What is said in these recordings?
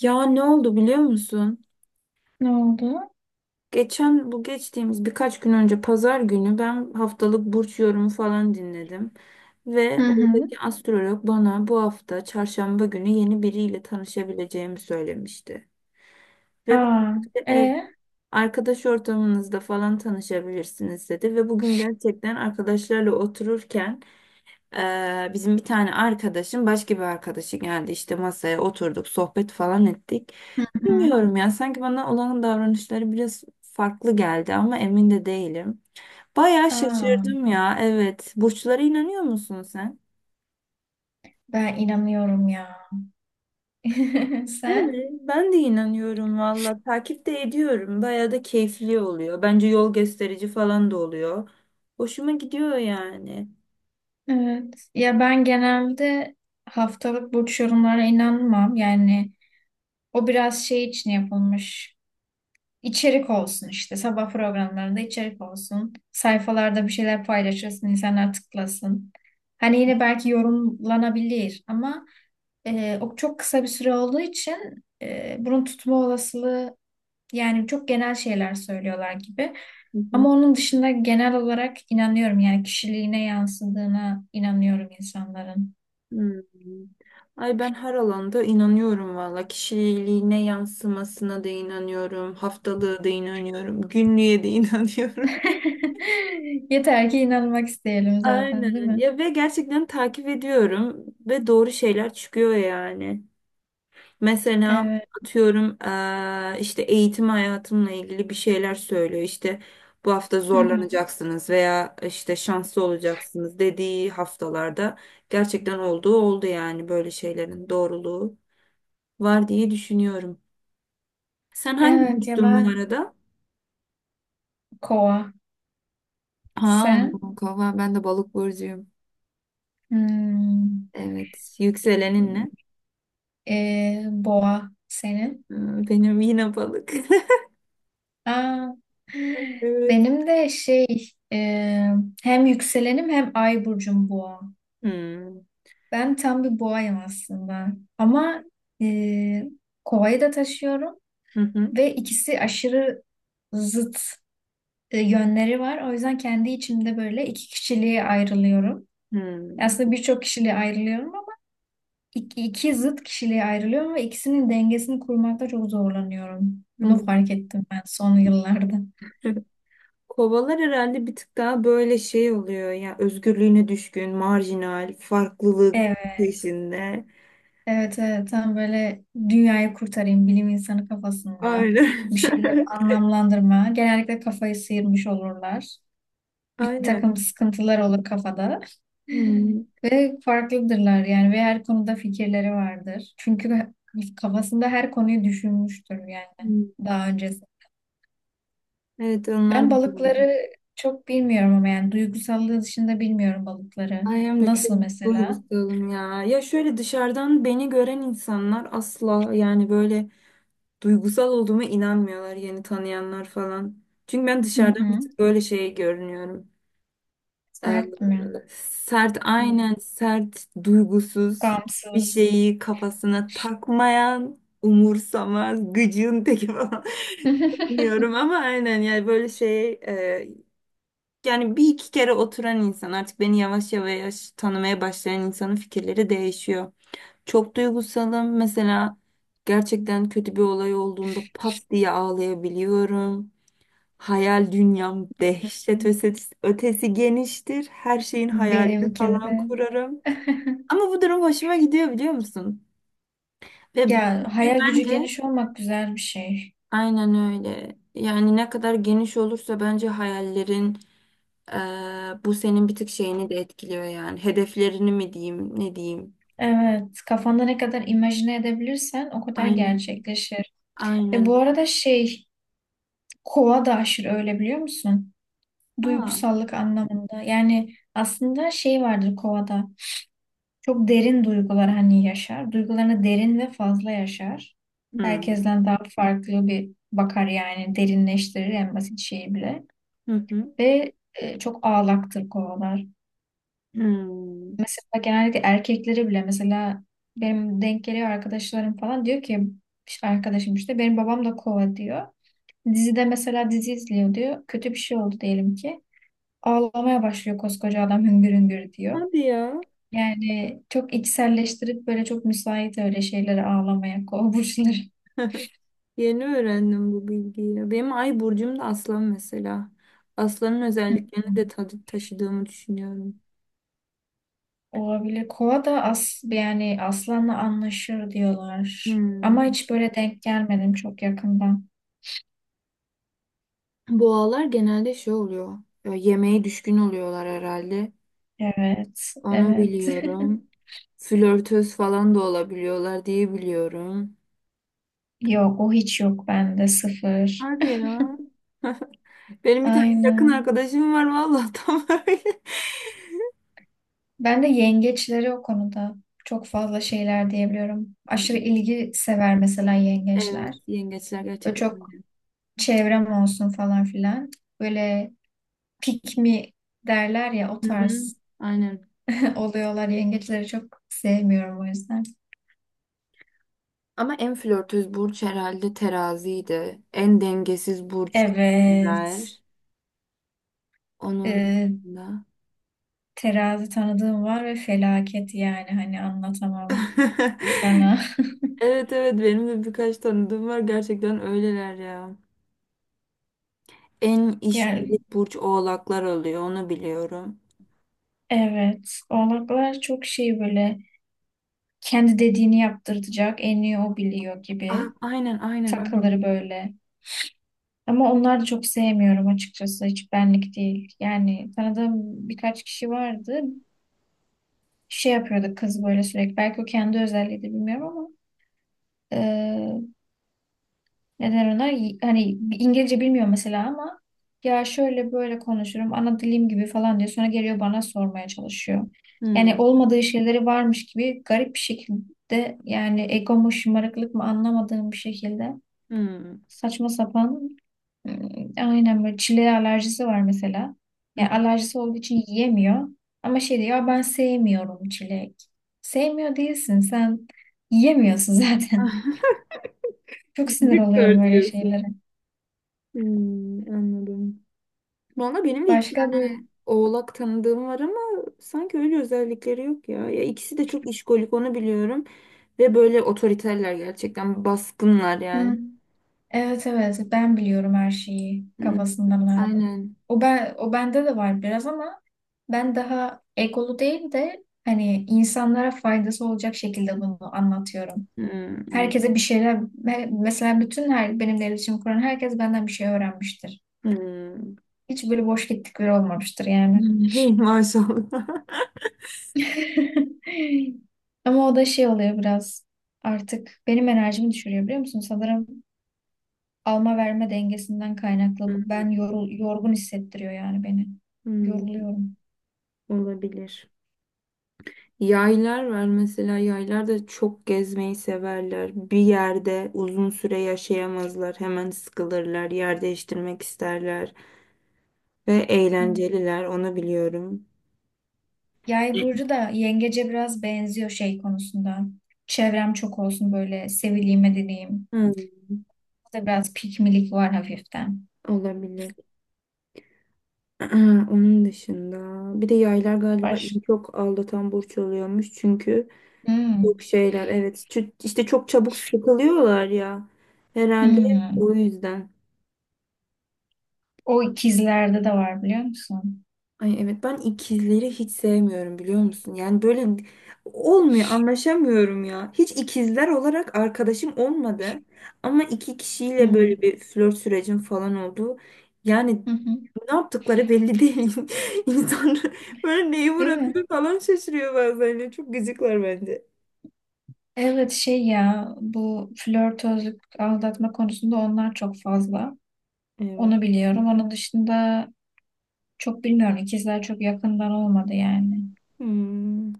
Ya ne oldu biliyor musun? Ne oldu? Geçen bu geçtiğimiz birkaç gün önce pazar günü ben haftalık burç yorumu falan dinledim. Hı Ve hı. oradaki astrolog bana bu hafta çarşamba günü yeni biriyle tanışabileceğimi söylemişti. Ve bu Aa. işte e, ev, arkadaş ortamınızda falan tanışabilirsiniz dedi. Ve bugün gerçekten arkadaşlarla otururken bizim bir tane arkadaşım başka bir arkadaşı geldi işte masaya oturduk sohbet falan ettik. Hı hı. Bilmiyorum ya sanki bana olan davranışları biraz farklı geldi ama emin de değilim. Bayağı Aa, şaşırdım ya, evet. Burçlara inanıyor musun sen? ben inanıyorum ya. Değil Sen? mi? Ben de inanıyorum valla. Takip de ediyorum. Bayağı da keyifli oluyor. Bence yol gösterici falan da oluyor. Hoşuma gidiyor yani. Evet. Ya ben genelde haftalık burç yorumlara inanmam. Yani o biraz şey için yapılmış. İçerik olsun işte. Sabah programlarında içerik olsun. Sayfalarda bir şeyler paylaşırsın, insanlar tıklasın. Hani yine belki yorumlanabilir ama o çok kısa bir süre olduğu için bunun tutma olasılığı. Yani çok genel şeyler söylüyorlar gibi. Hı Ama hı. onun dışında genel olarak inanıyorum, yani kişiliğine yansıdığına inanıyorum insanların. Hmm. Ay ben her alanda inanıyorum valla. Kişiliğine yansımasına da inanıyorum. Haftalığı da inanıyorum. Günlüğe de inanıyorum. Yeter ki inanmak isteyelim zaten, değil Aynen. mi? Ya ve gerçekten takip ediyorum ve doğru şeyler çıkıyor yani. Mesela Evet. atıyorum işte eğitim hayatımla ilgili bir şeyler söylüyor. İşte bu hafta Hı hı. zorlanacaksınız veya işte şanslı olacaksınız dediği haftalarda gerçekten olduğu oldu, yani böyle şeylerin doğruluğu var diye düşünüyorum. Sen hangi Evet ya, burçtun bu ben arada? kova. Ha, Sen? kova, ben de balık burcuyum. Hmm. Evet, yükselenin ne? Boğa senin. Hmm, benim yine balık. Aa, Evet. benim de şey, e, hem yükselenim hem ay burcum boğa. Hmm. Ben tam bir boğayım aslında. Ama e, kovayı da taşıyorum Hı hı. ve ikisi aşırı zıt yönleri var. O yüzden kendi içimde böyle iki kişiliğe ayrılıyorum. Hmm. Aslında birçok kişiliğe ayrılıyorum ama iki zıt kişiliğe ayrılıyorum ve ikisinin dengesini kurmakta çok zorlanıyorum. Bunu Hmm. fark ettim ben son yıllarda. Kovalar herhalde bir tık daha böyle şey oluyor ya, özgürlüğüne düşkün, marjinal, farklılık Evet, peşinde. evet, evet. Tam böyle dünyayı kurtarayım, bilim insanı kafasında Aynen. bir şeyleri anlamlandırma. Genellikle kafayı sıyırmış olurlar. Bir takım Aynen. sıkıntılar olur kafada. Hmm. Ve farklıdırlar yani ve her konuda fikirleri vardır. Çünkü kafasında her konuyu düşünmüştür yani Hmm. daha öncesi. Evet, onlar Ben da böyle. balıkları çok bilmiyorum ama yani duygusallığı dışında bilmiyorum balıkları. Ay hem de çok Nasıl mesela? duygusalım ya. Ya şöyle dışarıdan beni gören insanlar asla, yani böyle duygusal olduğuma inanmıyorlar, yeni tanıyanlar falan. Çünkü ben Hı dışarıdan bir hı. tık böyle şey görünüyorum. Ee, Sert mi? sert, aynen, sert, duygusuz, hiçbir Gamsız. şeyi kafasına takmayan, umursamaz, gıcığın teki falan. Bilmiyorum ama aynen, yani böyle şey yani bir iki kere oturan insan, artık beni yavaş yavaş tanımaya başlayan insanın fikirleri değişiyor. Çok duygusalım. Mesela gerçekten kötü bir olay olduğunda pat diye ağlayabiliyorum. Hayal dünyam dehşet ötesi, ötesi geniştir. Her şeyin hayalini Benimki falan de. kurarım. Ama bu durum hoşuma gidiyor, biliyor musun? Ve Ya, çünkü hayal gücü bence geniş olmak güzel bir şey. aynen öyle. Yani ne kadar geniş olursa bence hayallerin bu senin bir tık şeyini de etkiliyor yani. Hedeflerini mi diyeyim, ne diyeyim? Evet, kafanda ne kadar imajine edebilirsen o kadar Aynen, gerçekleşir. aynen Ve bu öyle. arada şey, kova da aşırı öyle, biliyor musun? Aa. Duygusallık anlamında. Yani aslında şey vardır kovada. Çok derin duygular hani yaşar. Duygularını derin ve fazla yaşar. Hmm. Herkesten daha farklı bir bakar, yani derinleştirir en basit şeyi bile. Hı hı. Ve çok ağlaktır kovalar. Hmm. Mesela genellikle erkeklere bile, mesela benim denk geliyor arkadaşlarım falan, diyor ki işte arkadaşım, işte benim babam da kova diyor. Dizide mesela dizi izliyor diyor. Kötü bir şey oldu diyelim ki. Ağlamaya başlıyor koskoca adam hüngür hüngür diyor. Hadi ya. Yani çok içselleştirip böyle çok müsait öyle şeylere ağlamaya kova burçları. Yeni öğrendim bu bilgiyi ya. Benim ay burcum da aslan mesela. Aslanın Hı. özelliklerini de tadı taşıdığımı düşünüyorum. Olabilir. Kova da yani aslanla anlaşır diyorlar. Ama Hmm. hiç böyle denk gelmedim çok yakından. Boğalar genelde şey oluyor ya, yemeğe düşkün oluyorlar herhalde. Evet, Onu evet. biliyorum. Flörtöz falan da olabiliyorlar diye biliyorum. Yok, o hiç yok bende, sıfır. Hadi ya. Benim bir tane yakın Aynen. arkadaşım var vallahi tam öyle. Ben de yengeçleri o konuda çok fazla şeyler diyebiliyorum. Aşırı ilgi sever mesela Evet, yengeçler. yengeçler Böyle gerçekten çok öyle. çevrem olsun falan filan. Böyle pick me derler ya, o Hı hı. tarz Aynen. oluyorlar. Yengeçleri çok sevmiyorum o yüzden. Ama en flörtöz burç herhalde teraziydi. En dengesiz burç Evet. ikizler. Onun Ee, da. Terazi tanıdığım var ve felaket, yani hani anlatamam sana. Evet, evet, benim de birkaç tanıdığım var, gerçekten öyleler ya. En Yani işkolik burç oğlaklar oluyor, onu biliyorum. evet, oğlaklar çok şey böyle, kendi dediğini yaptırtacak, en iyi o biliyor A gibi aynen, aynen, takılır aynen. böyle. Ama onları da çok sevmiyorum açıkçası, hiç benlik değil. Yani tanıdığım birkaç kişi vardı, şey yapıyordu kız böyle sürekli. Belki o kendi özelliği de, bilmiyorum, ama neden ona? Hani İngilizce bilmiyor mesela, ama ya şöyle böyle konuşurum, ana dilim gibi falan diyor. Sonra geliyor bana sormaya çalışıyor. Yani Hmm, olmadığı şeyleri varmış gibi, garip bir şekilde, yani ego mu şımarıklık mı anlamadığım bir şekilde hmm. saçma sapan. ım, aynen, böyle çileğe alerjisi var mesela. Yani alerjisi olduğu için yiyemiyor. Ama şey diyor: "Ya ben sevmiyorum çilek." Sevmiyor değilsin sen, yiyemiyorsun zaten. Çok sinir oluyorum Victor öyle diyorsun. şeylere. Hmm, anladım. Valla benim de iki Başka böyle. tane oğlak tanıdığım var ama sanki öyle özellikleri yok ya. Ya ikisi de çok işkolik, onu biliyorum. Ve böyle otoriterler, gerçekten baskınlar Hı. yani. Evet, evet, ben biliyorum her şeyi Hmm, kafasındalar. aynen. O bende de var biraz, ama ben daha egolu değil de, hani insanlara faydası olacak şekilde bunu anlatıyorum. Hmm, Herkese bir anladım. şeyler, mesela bütün, her benimle iletişim kuran herkes benden bir şey öğrenmiştir. Hmm. Hiç böyle boş gittik biri olmamıştır yani. Hmm, hey maşallah. Ama o da şey oluyor biraz, artık benim enerjimi düşürüyor, biliyor musun? Sanırım alma verme dengesinden kaynaklı. Ben yorgun hissettiriyor yani beni. Hmm, Yoruluyorum. olabilir. Yaylar var mesela, yaylar da çok gezmeyi severler. Bir yerde uzun süre yaşayamazlar. Hemen sıkılırlar. Yer değiştirmek isterler. Ve Hı. eğlenceliler, onu biliyorum. Yay burcu da yengece biraz benziyor şey konusunda. Çevrem çok olsun, böyle sevileyim, edineyim. Hmm, Burada biraz pikmilik var hafiften. olabilir. Onun dışında bir de yaylar galiba en Baş. çok aldatan burç oluyormuş, çünkü çok Hmm. şeyler, evet, işte çok çabuk sıkılıyorlar ya, herhalde Hmm. o yüzden. O ikizlerde de var, biliyor musun? Ay evet, ben ikizleri hiç sevmiyorum, biliyor musun? Yani böyle olmuyor, anlaşamıyorum ya. Hiç ikizler olarak arkadaşım olmadı. Ama iki kişiyle Hmm. böyle bir flört sürecim falan oldu. Yani Hı hı. ne yaptıkları belli değil. İnsan böyle neyi Değil mi? vurabilir falan şaşırıyor bazen ya. Çok gıcıklar bence. Evet, şey ya, bu flörtözlük aldatma konusunda onlar çok fazla. Evet. Onu biliyorum. Onun dışında çok bilmiyorum. İkizler çok yakından olmadı yani. Hmm.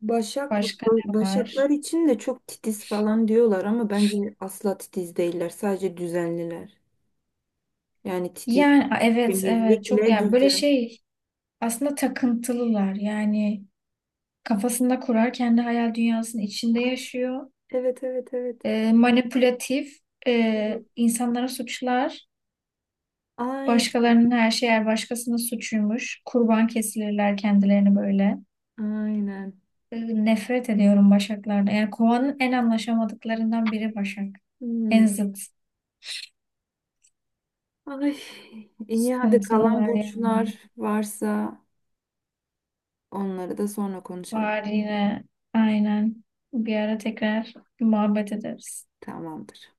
Başak, Başka ne başaklar var? için de çok titiz falan diyorlar ama bence asla titiz değiller. Sadece düzenliler. Yani titiz. Yani evet, evet, çok Temizlikle yani böyle düzen. şey, aslında takıntılılar. Yani kafasında kurar, kendi hayal dünyasının içinde Ay, yaşıyor. evet, evet, evet. Manipülatif, Evet. İnsanlara suçlar. Ay, Başkalarının her şeyi, her başkasının suçuymuş. Kurban kesilirler kendilerini böyle. aynen. Nefret ediyorum Başaklar'da. Yani kovanın en anlaşamadıklarından biri Başak. En Hmm. zıt. Ay, iyi, hadi kalan Sıkıntılılar yani. burçlar varsa onları da sonra konuşalım. Var yine. Aynen. Bir ara tekrar muhabbet ederiz. Tamamdır.